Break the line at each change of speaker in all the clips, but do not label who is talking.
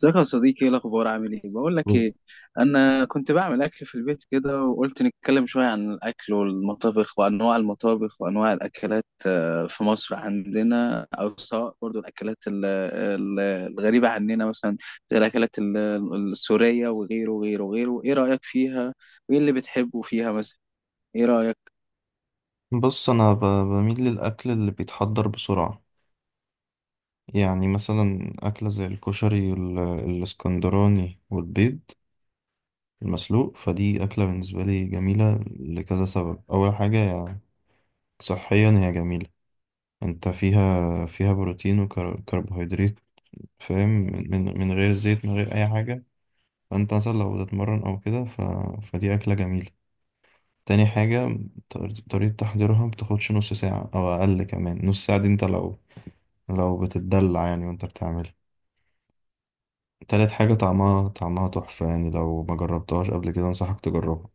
ازيك يا صديقي؟ ايه الاخبار؟ عامل ايه؟ بقول لك ايه، انا كنت بعمل اكل في البيت كده وقلت نتكلم شويه عن الاكل والمطابخ وانواع المطابخ وانواع الاكلات. في مصر عندنا او سواء برضو الاكلات الغريبه عننا مثلا، زي الاكلات السوريه وغيره وغيره وغيره. ايه رايك فيها؟ وايه اللي بتحبه فيها مثلا؟ ايه رايك؟
بص انا بميل للاكل اللي بيتحضر بسرعه. يعني مثلا اكله زي الكشري الاسكندراني والبيض المسلوق. فدي اكله بالنسبه لي جميله لكذا سبب. اول حاجه يعني صحيا هي جميله، انت فيها بروتين وكربوهيدرات، فاهم، من غير زيت من غير اي حاجه. فانت مثلا لو بتتمرن او كده فدي اكله جميله. تاني حاجة طريقة تحضيرها بتاخدش نص ساعة أو أقل، كمان نص ساعة دي أنت لو بتتدلع يعني وانت بتعملها. تالت حاجة طعمها تحفة، يعني لو ما جربتهاش قبل كده انصحك تجربها.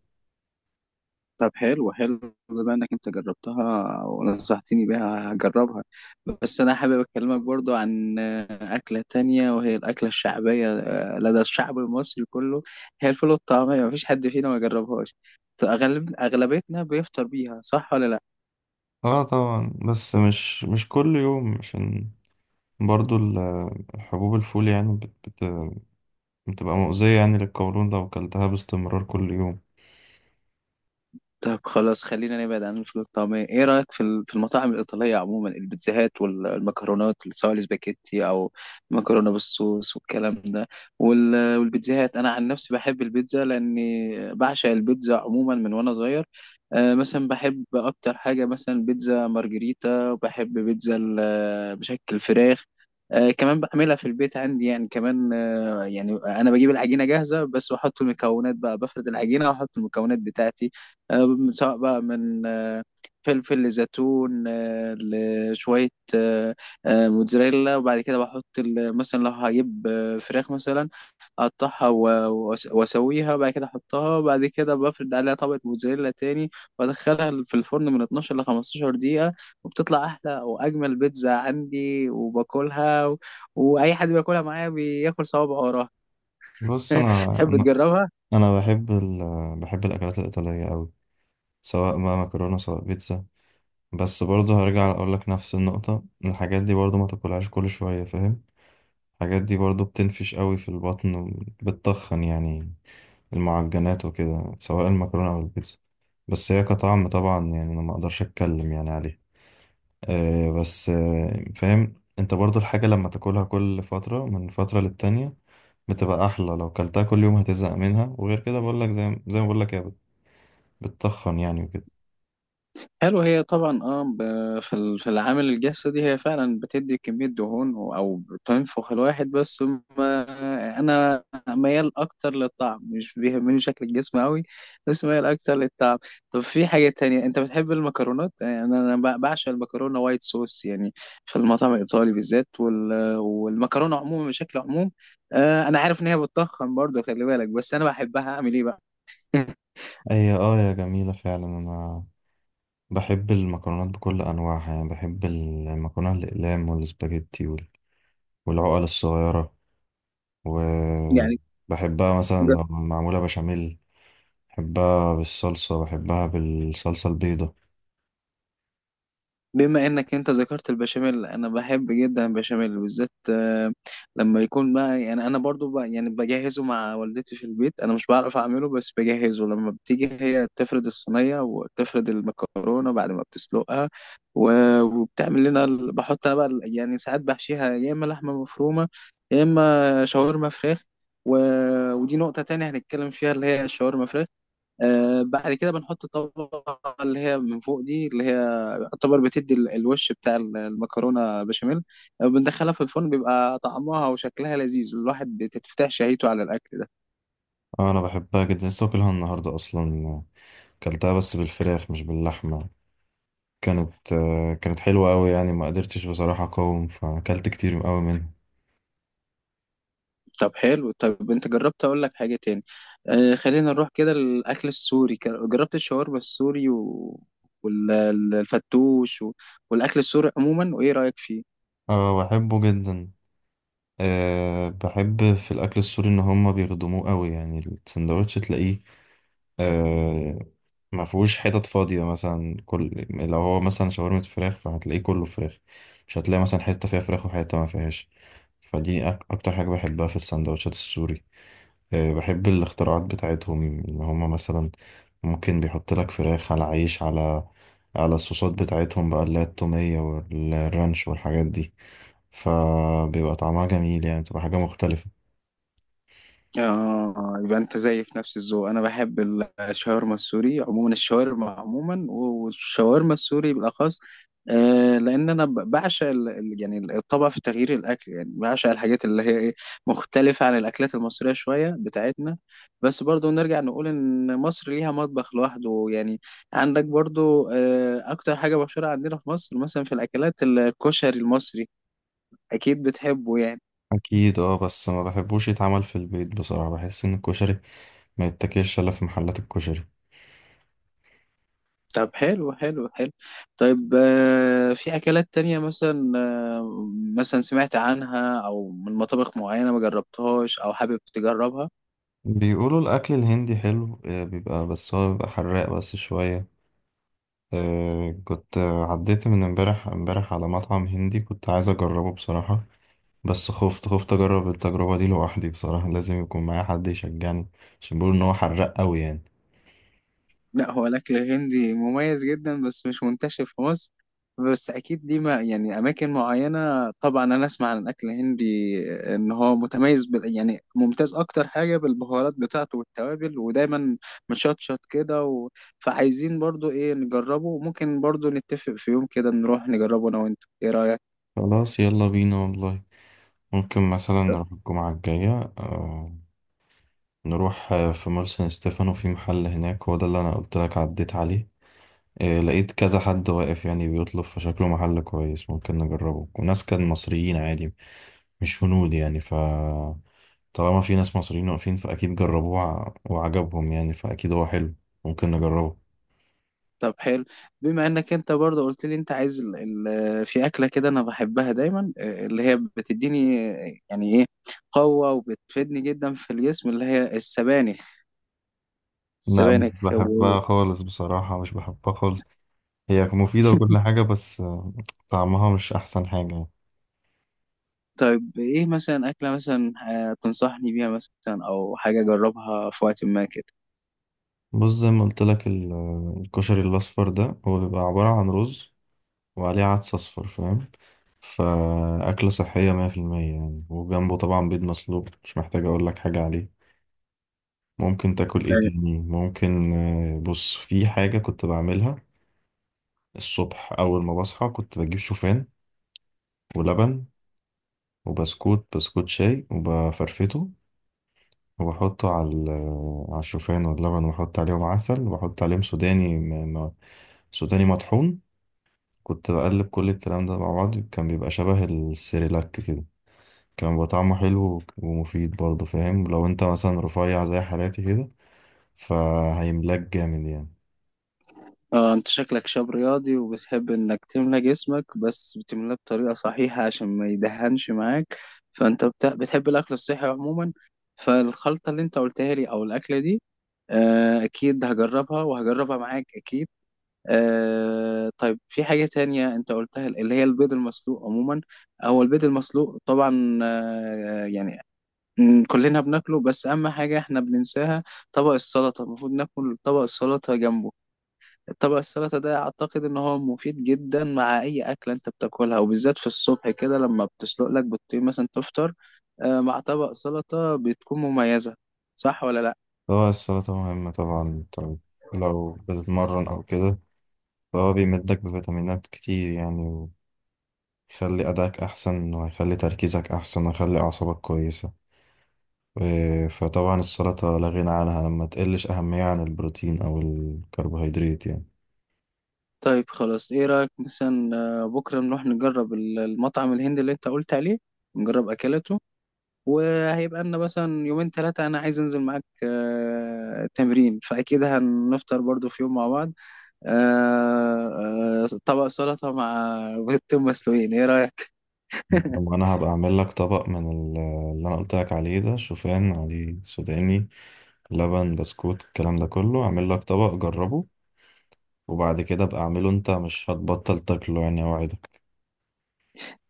طب حلو حلو. بما انك انت جربتها ونصحتني بيها هجربها. بس انا حابب اكلمك برضو عن اكلة تانية، وهي الاكلة الشعبية لدى الشعب المصري كله، هي الفول والطعمية. مفيش حد فينا ما جربهاش. اغلبيتنا بيفطر بيها، صح ولا لا؟
اه طبعا، بس مش كل يوم، عشان برضو الحبوب، الفول يعني بت بت بتبقى مؤذية يعني للقولون لو أكلتها باستمرار كل يوم.
طب خلاص، خلينا نبعد عن الفول الطعمية. ايه رأيك في المطاعم الإيطالية عموما، البيتزاهات والمكرونات، اللي سواء الاسباجيتي او مكرونة بالصوص والكلام ده؟ والبيتزاهات انا عن نفسي بحب البيتزا، لاني بعشق البيتزا عموما من وانا صغير. مثلا بحب اكتر حاجة مثلا بيتزا مارجريتا، وبحب بيتزا بشكل فراخ. كمان بعملها في البيت عندي يعني، كمان يعني انا بجيب العجينة جاهزة، بس بحط المكونات بقى، بفرد العجينة واحط المكونات بتاعتي، سواء بقى من فلفل لزيتون، لشوية آه، موتزاريلا. وبعد كده بحط مثلا لو هجيب فراخ مثلا، اقطعها واسويها، وبعد كده احطها، وبعد كده بفرد عليها طبقة موتزاريلا تاني، وادخلها في الفرن من 12 ل 15 دقيقة، وبتطلع احلى واجمل بيتزا عندي، وباكلها. واي حد بياكلها معايا بياكل صوابعه وراها.
بص
تحب
أنا
تجربها؟
أنا بحب بحب الأكلات الإيطالية أوي، سواء بقى مكرونة سواء بيتزا. بس برضو هرجع أقولك نفس النقطة، الحاجات دي برضو ما تاكلهاش كل شوية، فاهم. الحاجات دي برضو بتنفش قوي في البطن وبتتخن يعني، المعجنات وكده سواء المكرونة أو البيتزا. بس هي كطعم طبعا يعني أنا ما أقدرش أتكلم يعني عليها. أه، بس فاهم، أنت برضو الحاجة لما تاكلها كل فترة من فترة للتانية بتبقى أحلى. لو كلتها كل يوم هتزهق منها، وغير كده بقولك، زي ما بقولك، هي بتتخن يعني وكده.
حلو. هي طبعا، في العامل الجسدي هي فعلا بتدي كمية دهون او بتنفخ الواحد، بس ما انا ميال اكتر للطعم، مش بيهمني شكل الجسم قوي، بس ميال اكتر للطعم. طب في حاجة تانية، انت بتحب المكرونات يعني؟ انا أنا بعشق المكرونة وايت صوص يعني، في المطعم الايطالي بالذات، والمكرونة عموما بشكل عموم. انا عارف ان هي بتضخم برضه، خلي بالك، بس انا بحبها، اعمل ايه بقى؟
هي اه، يا جميلة فعلا. أنا بحب المكرونات بكل أنواعها يعني، بحب المكرونة الأقلام والسباجيتي والعقل الصغيرة،
يعني
وبحبها مثلا لما معمولة بشاميل، بحبها بالصلصة، بحبها بالصلصة البيضة.
بما انك انت ذكرت البشاميل، انا بحب جدا البشاميل بالذات لما يكون بقى يعني. انا برضو بقى يعني بجهزه مع والدتي في البيت، انا مش بعرف اعمله بس بجهزه، لما بتيجي هي تفرد الصينيه وتفرد المكرونه بعد ما بتسلقها، وبتعمل لنا بحط انا بقى يعني ساعات بحشيها، يا اما لحمه مفرومه، يا اما شاورما فراخ و... ودي نقطه تانية هنتكلم فيها، اللي هي الشاورما فراخ. بعد كده بنحط الطبقة اللي هي من فوق دي، اللي هي يعتبر بتدي الوش بتاع المكرونة بشاميل. بندخلها في الفرن، بيبقى طعمها وشكلها لذيذ، الواحد بتتفتح شهيته على الأكل ده.
آه، أنا بحبها جدا. لسه واكلها النهاردة أصلا، كلتها بس بالفراخ مش باللحمة. كانت حلوة أوي يعني، ما قدرتش بصراحة أقاوم فأكلت كتير أوي منها.
طب حلو. طب انت جربت، اقول لك حاجة تاني، خلينا نروح كده للأكل السوري. جربت الشاورما السوري، والفتوش، والأكل السوري عموما؟ وإيه رأيك فيه؟
اه بحبه جدا. بحب في الأكل السوري إن هما بيخدموه أوي يعني، السندوتش تلاقيه، آه ما فيهوش حتت فاضية مثلا. كل لو هو مثلا شاورما فراخ فهتلاقيه كله فراخ، مش هتلاقي مثلا حتة فيها فراخ وحتة ما فيهاش. فدي أكتر حاجة بحبها في السندوتشات السوري. آه بحب الاختراعات بتاعتهم، إن هما مثلا ممكن بيحط لك فراخ على عيش، على الصوصات بتاعتهم بقى، اللي هي التومية والرانش والحاجات دي، فبيبقى طعمها جميل يعني، بتبقى حاجة مختلفة.
اه يبقى انت زي في نفس الذوق. انا بحب الشاورما السوري عموما، الشاورما عموما، والشاورما السوري بالاخص. لان انا بعشق يعني الطبع في تغيير الاكل، يعني بعشق الحاجات اللي هي ايه، مختلفه عن الاكلات المصريه شويه بتاعتنا. بس برضو نرجع نقول ان مصر ليها مطبخ لوحده يعني. عندك برضو اكتر حاجه مشهوره عندنا في مصر مثلا في الاكلات، الكشري المصري، اكيد بتحبه يعني.
أكيد اه، بس ما بحبوش يتعمل في البيت بصراحة، بحس إن الكشري ما يتاكلش الا في محلات الكشري.
طب حلو حلو حلو. طيب في أكلات تانية مثلا، آه، مثلا سمعت عنها، أو من مطابخ معينة ما جربتهاش، أو حابب تجربها؟
بيقولوا الاكل الهندي حلو، بيبقى، بس هو بيبقى حراق بس شويه. كنت، عديت من امبارح امبارح على مطعم هندي كنت عايز اجربه بصراحه، بس خفت اجرب التجربه دي لوحدي بصراحه. لازم يكون معايا حد يشجعني، عشان بيقولوا ان هو حراق قوي يعني.
لا، هو الأكل الهندي مميز جدا، بس مش منتشر في مصر، بس أكيد دي ما يعني أماكن معينة. طبعا أنا أسمع عن الأكل الهندي إن هو متميز بال يعني ممتاز، أكتر حاجة بالبهارات بتاعته والتوابل، ودايما مشطشط كده. فعايزين برضو إيه نجربه، وممكن برضو نتفق في يوم كده نروح نجربه، أنا وأنت. إيه رأيك؟
خلاص يلا بينا والله، ممكن مثلا نروح الجمعه الجايه. آه، نروح، في مول سان ستيفانو، في محل هناك، هو ده اللي انا قلت لك عديت عليه. لقيت كذا حد واقف يعني بيطلب، فشكله محل كويس ممكن نجربه، وناس كان مصريين عادي مش هنود يعني. طالما في ناس مصريين واقفين فاكيد جربوه وعجبهم يعني، فاكيد هو حلو، ممكن نجربه.
طب حلو. بما انك انت برضه قلت لي انت عايز في اكله كده انا بحبها دايما، اللي هي بتديني يعني ايه، قوه وبتفيدني جدا في الجسم، اللي هي السبانخ.
لا مش
السبانخ و...
بحبها خالص بصراحة، مش بحبها خالص. هي مفيدة وكل حاجة بس طعمها مش أحسن حاجة يعني.
طيب ايه مثلا اكله مثلا، تنصحني بيها مثلا او حاجه اجربها في وقت ما كده؟
بص زي ما قلت لك الكشري الأصفر ده، هو بيبقى عبارة عن رز وعليه عدس أصفر، فاهم، فأكلة صحية 100% يعني، وجنبه طبعا بيض مسلوق مش محتاج أقول لك حاجة عليه. ممكن تاكل إيه تاني؟ ممكن بص، في حاجة كنت بعملها الصبح أول ما بصحى، كنت بجيب شوفان ولبن وبسكوت شاي وبفرفته، وبحطه على على الشوفان واللبن، وبحط عليهم عسل، وبحط عليهم سوداني مطحون. كنت بقلب كل الكلام ده مع بعض، كان بيبقى شبه السيريلاك كده، كان بيبقى طعمه حلو ومفيد برضه، فاهم. لو انت مثلا رفيع زي حالاتي كده فهيملاك جامد يعني.
اه انت شكلك شاب رياضي، وبتحب انك تملى جسمك بس بتملاه بطريقة صحيحة عشان ما يدهنش معاك، فانت بتحب الاكل الصحي عموما. فالخلطة اللي انت قلتها لي او الاكلة دي، اكيد هجربها، وهجربها معاك اكيد. طيب، في حاجة تانية انت قلتها، اللي هي البيض المسلوق عموما. هو البيض المسلوق طبعا، يعني، كلنا بناكله، بس اهم حاجة احنا بننساها، طبق السلطة. المفروض ناكل طبق السلطة جنبه. طبق السلطة ده أعتقد إن هو مفيد جدا مع أي أكلة أنت بتاكلها، وبالذات في الصبح كده، لما بتسلق لك بيضتين مثلا تفطر، مع طبق سلطة بتكون مميزة، صح ولا لأ؟
هو السلطة مهمة طبعا، طب لو بتتمرن أو كده فهو بيمدك بفيتامينات كتير يعني، ويخلي أداك أحسن، وهيخلي تركيزك أحسن، ويخلي أعصابك كويسة، فطبعا السلطة لا غنى عنها، ما تقلش أهمية عن البروتين أو الكربوهيدرات يعني.
طيب خلاص. إيه رأيك مثلا بكرة نروح نجرب المطعم الهندي اللي أنت قلت عليه، نجرب أكلته؟ وهيبقى لنا مثلا يومين 3 أنا عايز أنزل معاك تمرين، فأكيد هنفطر برضو في يوم مع بعض، طبق سلطة مع بيضتين مسلوقين. إيه رأيك؟
وأنا هبقى أعمل لك طبق من اللي أنا قلت لك عليه ده، شوفان عليه سوداني، لبن، بسكوت، الكلام ده كله، اعمل لك طبق جربه، وبعد كده ابقى اعمله انت، مش هتبطل تاكله يعني، اوعدك.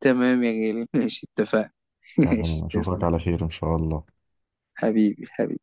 تمام يا غالي، ماشي، اتفقنا.
تمام،
ماشي،
اشوفك
تسلم.
على خير ان شاء الله.
حبيبي حبيبي.